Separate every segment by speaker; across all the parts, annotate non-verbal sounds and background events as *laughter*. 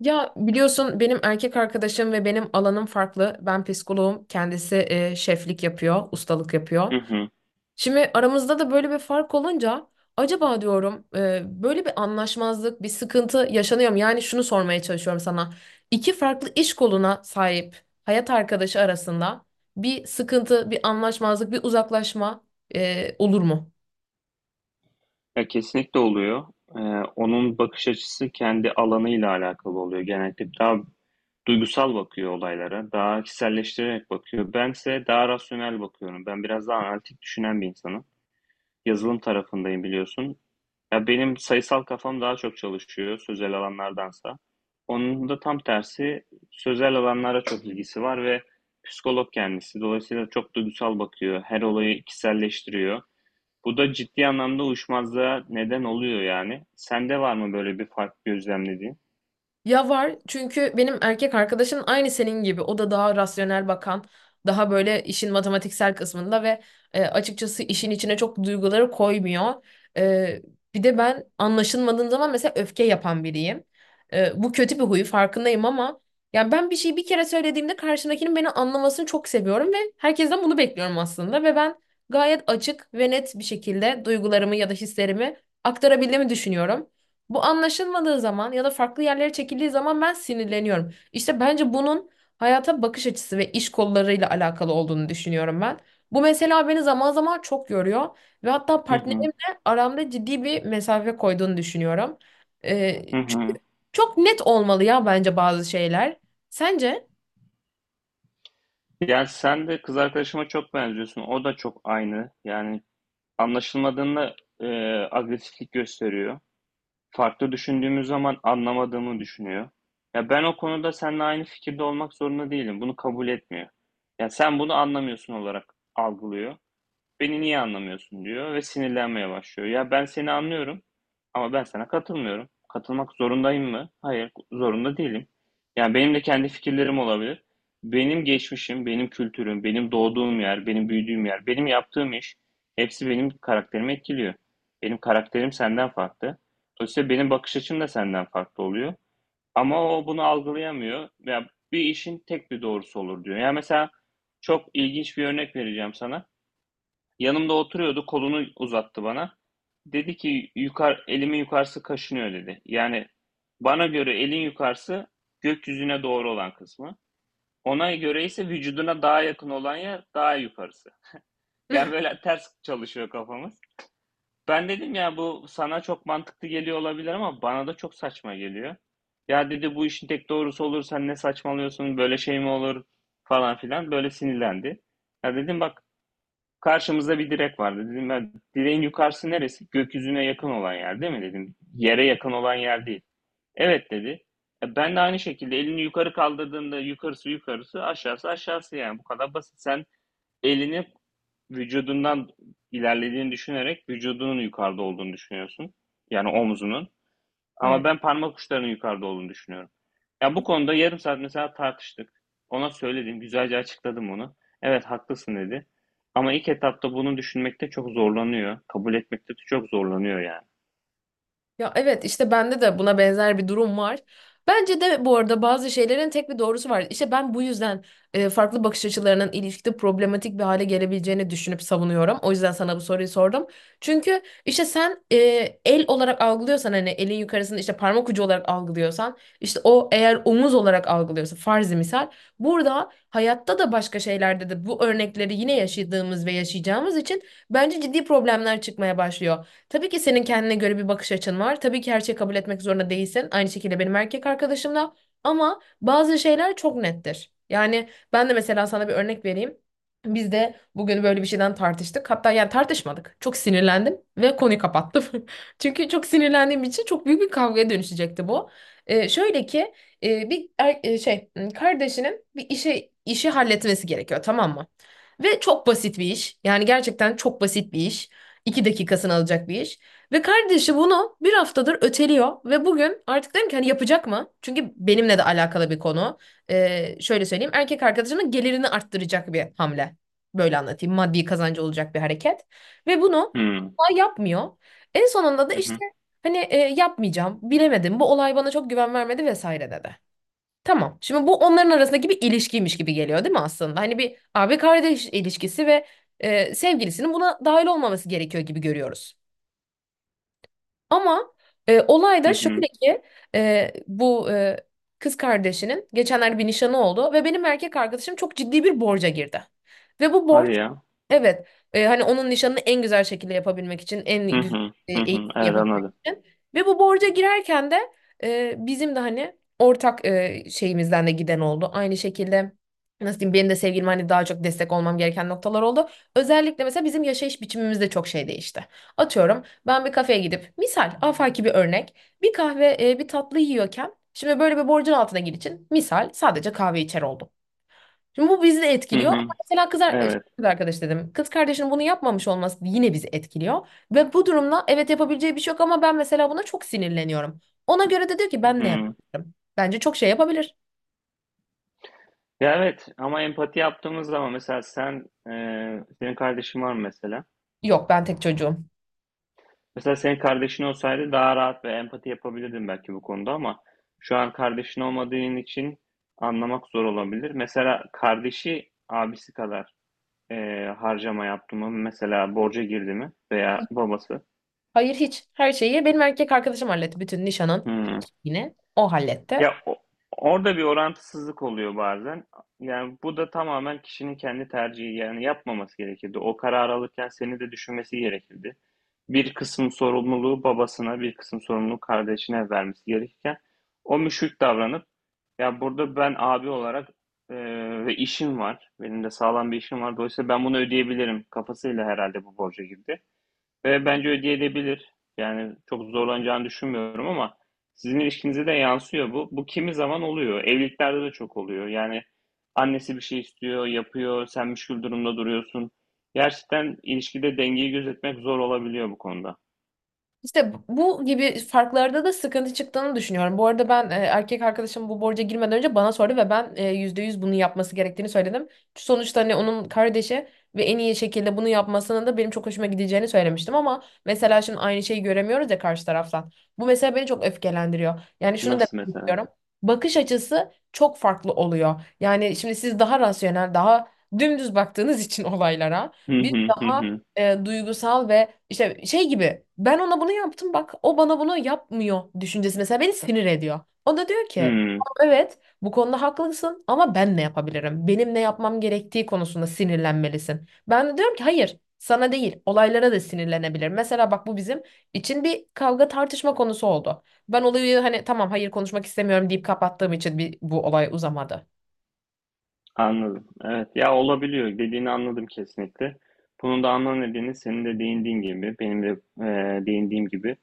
Speaker 1: Ya biliyorsun benim erkek arkadaşım ve benim alanım farklı. Ben psikoloğum, kendisi şeflik yapıyor, ustalık
Speaker 2: Hı
Speaker 1: yapıyor.
Speaker 2: hı.
Speaker 1: Şimdi aramızda da böyle bir fark olunca acaba diyorum böyle bir anlaşmazlık, bir sıkıntı yaşanıyor mu? Yani şunu sormaya çalışıyorum sana. İki farklı iş koluna sahip hayat arkadaşı arasında bir sıkıntı, bir anlaşmazlık, bir uzaklaşma olur mu?
Speaker 2: Ya kesinlikle oluyor. Ee, Onun bakış açısı kendi alanıyla alakalı oluyor. Genellikle daha duygusal bakıyor olaylara, daha kişiselleştirerek bakıyor. Bense daha rasyonel bakıyorum. Ben biraz daha analitik düşünen bir insanım. Yazılım tarafındayım biliyorsun. Ya benim sayısal kafam daha çok çalışıyor sözel alanlardansa. Onun da tam tersi, sözel alanlara çok ilgisi var ve psikolog kendisi. Dolayısıyla çok duygusal bakıyor. Her olayı kişiselleştiriyor. Bu da ciddi anlamda uyuşmazlığa neden oluyor yani. Sende var mı böyle bir fark gözlemlediğin?
Speaker 1: Ya var çünkü benim erkek arkadaşım aynı senin gibi. O da daha rasyonel bakan, daha böyle işin matematiksel kısmında ve açıkçası işin içine çok duyguları koymuyor. E, Bir de ben anlaşılmadığım zaman mesela öfke yapan biriyim. Bu kötü bir huyu farkındayım ama yani ben bir şeyi bir kere söylediğimde karşımdakinin beni anlamasını çok seviyorum ve herkesten bunu bekliyorum aslında ve ben gayet açık ve net bir şekilde duygularımı ya da hislerimi aktarabildiğimi düşünüyorum. Bu anlaşılmadığı zaman ya da farklı yerlere çekildiği zaman ben sinirleniyorum. İşte bence bunun hayata bakış açısı ve iş kollarıyla alakalı olduğunu düşünüyorum ben. Bu mesela beni zaman zaman çok yoruyor ve hatta
Speaker 2: Hı hı.
Speaker 1: partnerimle aramda ciddi bir mesafe koyduğunu düşünüyorum.
Speaker 2: Hı
Speaker 1: Çünkü
Speaker 2: hı.
Speaker 1: çok net olmalı ya bence bazı şeyler. Sence?
Speaker 2: Ya sen de kız arkadaşıma çok benziyorsun. O da çok aynı. Yani anlaşılmadığında agresiflik gösteriyor. Farklı düşündüğümüz zaman anlamadığımı düşünüyor. Ya ben o konuda seninle aynı fikirde olmak zorunda değilim. Bunu kabul etmiyor. "Ya sen bunu anlamıyorsun" olarak algılıyor. "Beni niye anlamıyorsun?" diyor ve sinirlenmeye başlıyor. Ya ben seni anlıyorum ama ben sana katılmıyorum. Katılmak zorundayım mı? Hayır, zorunda değilim. Yani benim de kendi fikirlerim olabilir. Benim geçmişim, benim kültürüm, benim doğduğum yer, benim büyüdüğüm yer, benim yaptığım iş, hepsi benim karakterimi etkiliyor. Benim karakterim senden farklı. Dolayısıyla benim bakış açım da senden farklı oluyor. Ama o bunu algılayamıyor. Ya bir işin tek bir doğrusu olur diyor. Ya mesela çok ilginç bir örnek vereceğim sana. Yanımda oturuyordu, kolunu uzattı bana. Dedi ki elimin yukarısı kaşınıyor dedi. Yani bana göre elin yukarısı gökyüzüne doğru olan kısmı. Ona göre ise vücuduna daha yakın olan yer daha yukarısı. Yani
Speaker 1: *laughs*
Speaker 2: böyle ters çalışıyor kafamız. Ben dedim ya bu sana çok mantıklı geliyor olabilir ama bana da çok saçma geliyor. Ya dedi bu işin tek doğrusu olur, sen ne saçmalıyorsun, böyle şey mi olur falan filan, böyle sinirlendi. Ya dedim bak, karşımızda bir direk vardı. Dedim ben, direğin yukarısı neresi? Gökyüzüne yakın olan yer değil mi dedim. Yere yakın olan yer değil. Evet dedi. E, ben de aynı şekilde elini yukarı kaldırdığında yukarısı yukarısı, aşağısı aşağısı, yani bu kadar basit. Sen elini vücudundan ilerlediğini düşünerek vücudunun yukarıda olduğunu düşünüyorsun. Yani omzunun. Ama
Speaker 1: Evet.
Speaker 2: ben parmak uçlarının yukarıda olduğunu düşünüyorum. Ya bu konuda yarım saat mesela tartıştık. Ona söyledim, güzelce açıkladım onu. Evet haklısın dedi. Ama ilk etapta bunu düşünmekte çok zorlanıyor. Kabul etmekte de çok zorlanıyor yani.
Speaker 1: Ya evet işte bende de buna benzer bir durum var. Bence de bu arada bazı şeylerin tek bir doğrusu var. İşte ben bu yüzden farklı bakış açılarının ilişkide problematik bir hale gelebileceğini düşünüp savunuyorum. O yüzden sana bu soruyu sordum. Çünkü işte sen el olarak algılıyorsan hani elin yukarısını işte parmak ucu olarak algılıyorsan işte o eğer omuz olarak algılıyorsa farzi misal burada hayatta da başka şeylerde de bu örnekleri yine yaşadığımız ve yaşayacağımız için bence ciddi problemler çıkmaya başlıyor. Tabii ki senin kendine göre bir bakış açın var. Tabii ki her şeyi kabul etmek zorunda değilsin. Aynı şekilde benim erkek arkadaşım da. Ama bazı şeyler çok nettir. Yani ben de mesela sana bir örnek vereyim. Biz de bugün böyle bir şeyden tartıştık. Hatta yani tartışmadık. Çok sinirlendim ve konuyu kapattım. *laughs* Çünkü çok sinirlendiğim için çok büyük bir kavgaya dönüşecekti bu. Şöyle ki şey kardeşinin bir işe işi halletmesi gerekiyor tamam mı? Ve çok basit bir iş. Yani gerçekten çok basit bir iş. İki dakikasını alacak bir iş. Ve kardeşi bunu bir haftadır öteliyor ve bugün artık dedim ki hani yapacak mı? Çünkü benimle de alakalı bir konu. Şöyle söyleyeyim erkek arkadaşının gelirini arttıracak bir hamle. Böyle anlatayım maddi kazancı olacak bir hareket. Ve bunu
Speaker 2: Hmm.
Speaker 1: asla yapmıyor. En sonunda da
Speaker 2: Hı
Speaker 1: işte
Speaker 2: hı.
Speaker 1: hani yapmayacağım bilemedim bu olay bana çok güven vermedi vesaire dedi. Tamam. Şimdi bu onların arasındaki bir ilişkiymiş gibi geliyor değil mi aslında? Hani bir abi kardeş ilişkisi ve sevgilisinin buna dahil olmaması gerekiyor gibi görüyoruz. Ama olay
Speaker 2: Hı
Speaker 1: da
Speaker 2: hı.
Speaker 1: şöyle ki e, bu e, kız kardeşinin geçenlerde bir nişanı oldu ve benim erkek arkadaşım çok ciddi bir borca girdi. Ve bu borç
Speaker 2: Hadi ya.
Speaker 1: evet hani onun nişanını en güzel şekilde yapabilmek için
Speaker 2: Hı
Speaker 1: en güzel
Speaker 2: hı. Hı hı.
Speaker 1: eğitim
Speaker 2: Evet
Speaker 1: yapabilmek
Speaker 2: anladım.
Speaker 1: için. Ve bu borca girerken de bizim de hani ortak şeyimizden de giden oldu. Aynı şekilde nasıl diyeyim benim de sevgilim hani daha çok destek olmam gereken noktalar oldu. Özellikle mesela bizim yaşayış biçimimiz de çok şey değişti. Atıyorum. Ben bir kafeye gidip misal afaki bir örnek bir kahve bir tatlı yiyorken şimdi böyle bir borcun altına gir için misal sadece kahve içer oldum. Şimdi bu bizi de
Speaker 2: Hı
Speaker 1: etkiliyor. Ama
Speaker 2: hı.
Speaker 1: mesela
Speaker 2: Evet.
Speaker 1: kız arkadaş dedim. Kız kardeşinin bunu yapmamış olması yine bizi etkiliyor. Ve bu durumda evet yapabileceği bir şey yok ama ben mesela buna çok sinirleniyorum. Ona göre de diyor ki ben ne
Speaker 2: Hı.
Speaker 1: yapabilirim? Bence çok şey yapabilir.
Speaker 2: Ya evet, ama empati yaptığımız zaman mesela sen, senin kardeşin var mı mesela?
Speaker 1: Yok ben tek çocuğum.
Speaker 2: Mesela senin kardeşin olsaydı daha rahat ve empati yapabilirdin belki bu konuda ama şu an kardeşin olmadığın için anlamak zor olabilir. Mesela kardeşi abisi kadar harcama yaptı mı? Mesela borca girdi mi? Veya babası?
Speaker 1: Hayır hiç. Her şeyi benim erkek arkadaşım halletti. Bütün nişanın,
Speaker 2: Hmm.
Speaker 1: yine. O halletti.
Speaker 2: Ya o- Orada bir orantısızlık oluyor bazen. Yani bu da tamamen kişinin kendi tercihi. Yani yapmaması gerekirdi. O karar alırken seni de düşünmesi gerekirdi. Bir kısım sorumluluğu babasına, bir kısım sorumluluğu kardeşine vermesi gerekirken o müşrik davranıp ya, burada ben abi olarak e, ve işim var. Benim de sağlam bir işim var. Dolayısıyla ben bunu ödeyebilirim kafasıyla herhalde bu borca girdi. Ve bence ödeyebilir. Yani çok zorlanacağını düşünmüyorum ama sizin ilişkinize de yansıyor bu. Bu kimi zaman oluyor. Evliliklerde de çok oluyor. Yani annesi bir şey istiyor, yapıyor, sen müşkül durumda duruyorsun. Gerçekten ilişkide dengeyi gözetmek zor olabiliyor bu konuda.
Speaker 1: İşte bu gibi farklarda da sıkıntı çıktığını düşünüyorum. Bu arada ben erkek arkadaşım bu borca girmeden önce bana sordu ve ben %100 bunu yapması gerektiğini söyledim. Sonuçta hani onun kardeşi ve en iyi şekilde bunu yapmasının da benim çok hoşuma gideceğini söylemiştim ama mesela şimdi aynı şeyi göremiyoruz ya karşı taraftan. Bu mesela beni çok öfkelendiriyor. Yani şunu demek
Speaker 2: Nasıl mesela?
Speaker 1: istiyorum. Bakış açısı çok farklı oluyor. Yani şimdi siz daha rasyonel, daha dümdüz baktığınız *laughs* için olaylara
Speaker 2: Hı
Speaker 1: biz
Speaker 2: hı hı
Speaker 1: daha
Speaker 2: hı.
Speaker 1: duygusal ve işte şey gibi ben ona bunu yaptım bak o bana bunu yapmıyor düşüncesi mesela beni sinir ediyor. O da diyor ki
Speaker 2: Hı,
Speaker 1: "Tamam, evet bu konuda haklısın ama ben ne yapabilirim? Benim ne yapmam gerektiği konusunda sinirlenmelisin. Ben de diyorum ki hayır sana değil olaylara da sinirlenebilir. Mesela bak bu bizim için bir kavga tartışma konusu oldu. Ben olayı hani tamam hayır konuşmak istemiyorum deyip kapattığım için bir, bu olay uzamadı.
Speaker 2: anladım. Evet ya, olabiliyor. Dediğini anladım kesinlikle. Bunun da ana nedeni senin de değindiğin gibi, benim de e, değindiğim gibi.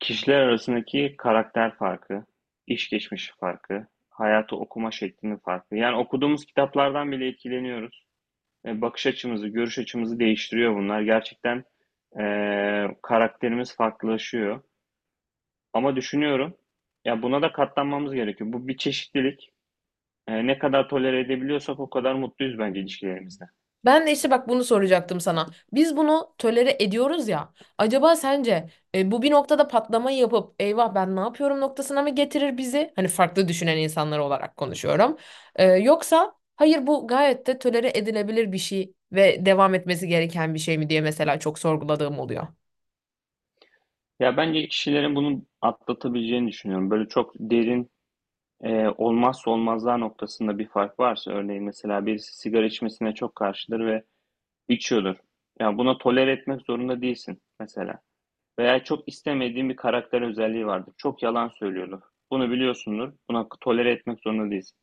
Speaker 2: Kişiler arasındaki karakter farkı, iş geçmişi farkı, hayatı okuma şeklinin farkı. Yani okuduğumuz kitaplardan bile etkileniyoruz. E, bakış açımızı, görüş açımızı değiştiriyor bunlar. Gerçekten e, karakterimiz farklılaşıyor. Ama düşünüyorum, ya buna da katlanmamız gerekiyor. Bu bir çeşitlilik. E, ne kadar tolere edebiliyorsak o kadar mutluyuz bence ilişkilerimizde.
Speaker 1: Ben de işte bak bunu soracaktım sana. Biz bunu tölere ediyoruz ya. Acaba sence bu bir noktada patlamayı yapıp eyvah ben ne yapıyorum noktasına mı getirir bizi? Hani farklı düşünen insanlar olarak konuşuyorum. Yoksa hayır bu gayet de tolere edilebilir bir şey ve devam etmesi gereken bir şey mi diye mesela çok sorguladığım oluyor.
Speaker 2: Ya bence kişilerin bunu atlatabileceğini düşünüyorum. Böyle çok derin. Olmazsa olmazlar noktasında bir fark varsa, örneğin mesela birisi sigara içmesine çok karşıdır ve içiyordur. Yani buna tolere etmek zorunda değilsin mesela. Veya çok istemediğin bir karakter özelliği vardır. Çok yalan söylüyordur. Bunu biliyorsundur. Buna tolere etmek zorunda değilsin.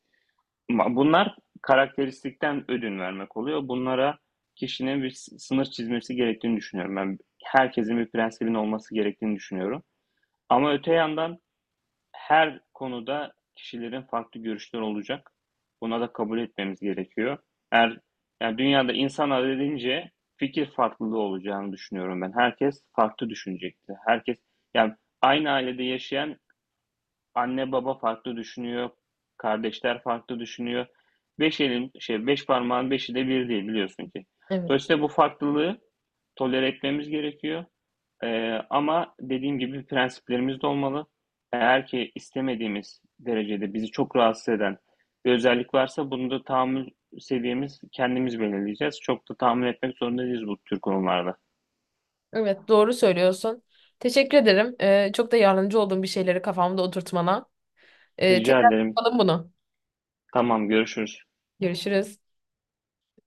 Speaker 2: Bunlar karakteristikten ödün vermek oluyor. Bunlara kişinin bir sınır çizmesi gerektiğini düşünüyorum. Ben herkesin bir prensibinin olması gerektiğini düşünüyorum. Ama öte yandan her konuda kişilerin farklı görüşleri olacak. Buna da kabul etmemiz gerekiyor. Eğer, yani dünyada insanlar dediğince fikir farklılığı olacağını düşünüyorum ben. Herkes farklı düşünecekti. Herkes yani, aynı ailede yaşayan anne baba farklı düşünüyor, kardeşler farklı düşünüyor. Beş elin şey, beş parmağın beşi de bir değil biliyorsun ki.
Speaker 1: Evet.
Speaker 2: Dolayısıyla bu farklılığı tolere etmemiz gerekiyor. Ama dediğim gibi prensiplerimiz de olmalı. Eğer ki istemediğimiz derecede bizi çok rahatsız eden bir özellik varsa, bunu da tahammül seviyemiz kendimiz belirleyeceğiz. Çok da tahammül etmek zorunda değiliz bu tür konularda.
Speaker 1: Evet doğru söylüyorsun. Teşekkür ederim. Çok da yardımcı olduğum bir şeyleri kafamda oturtmana.
Speaker 2: Rica
Speaker 1: Tekrar
Speaker 2: ederim.
Speaker 1: yapalım bunu.
Speaker 2: Tamam, görüşürüz.
Speaker 1: Görüşürüz.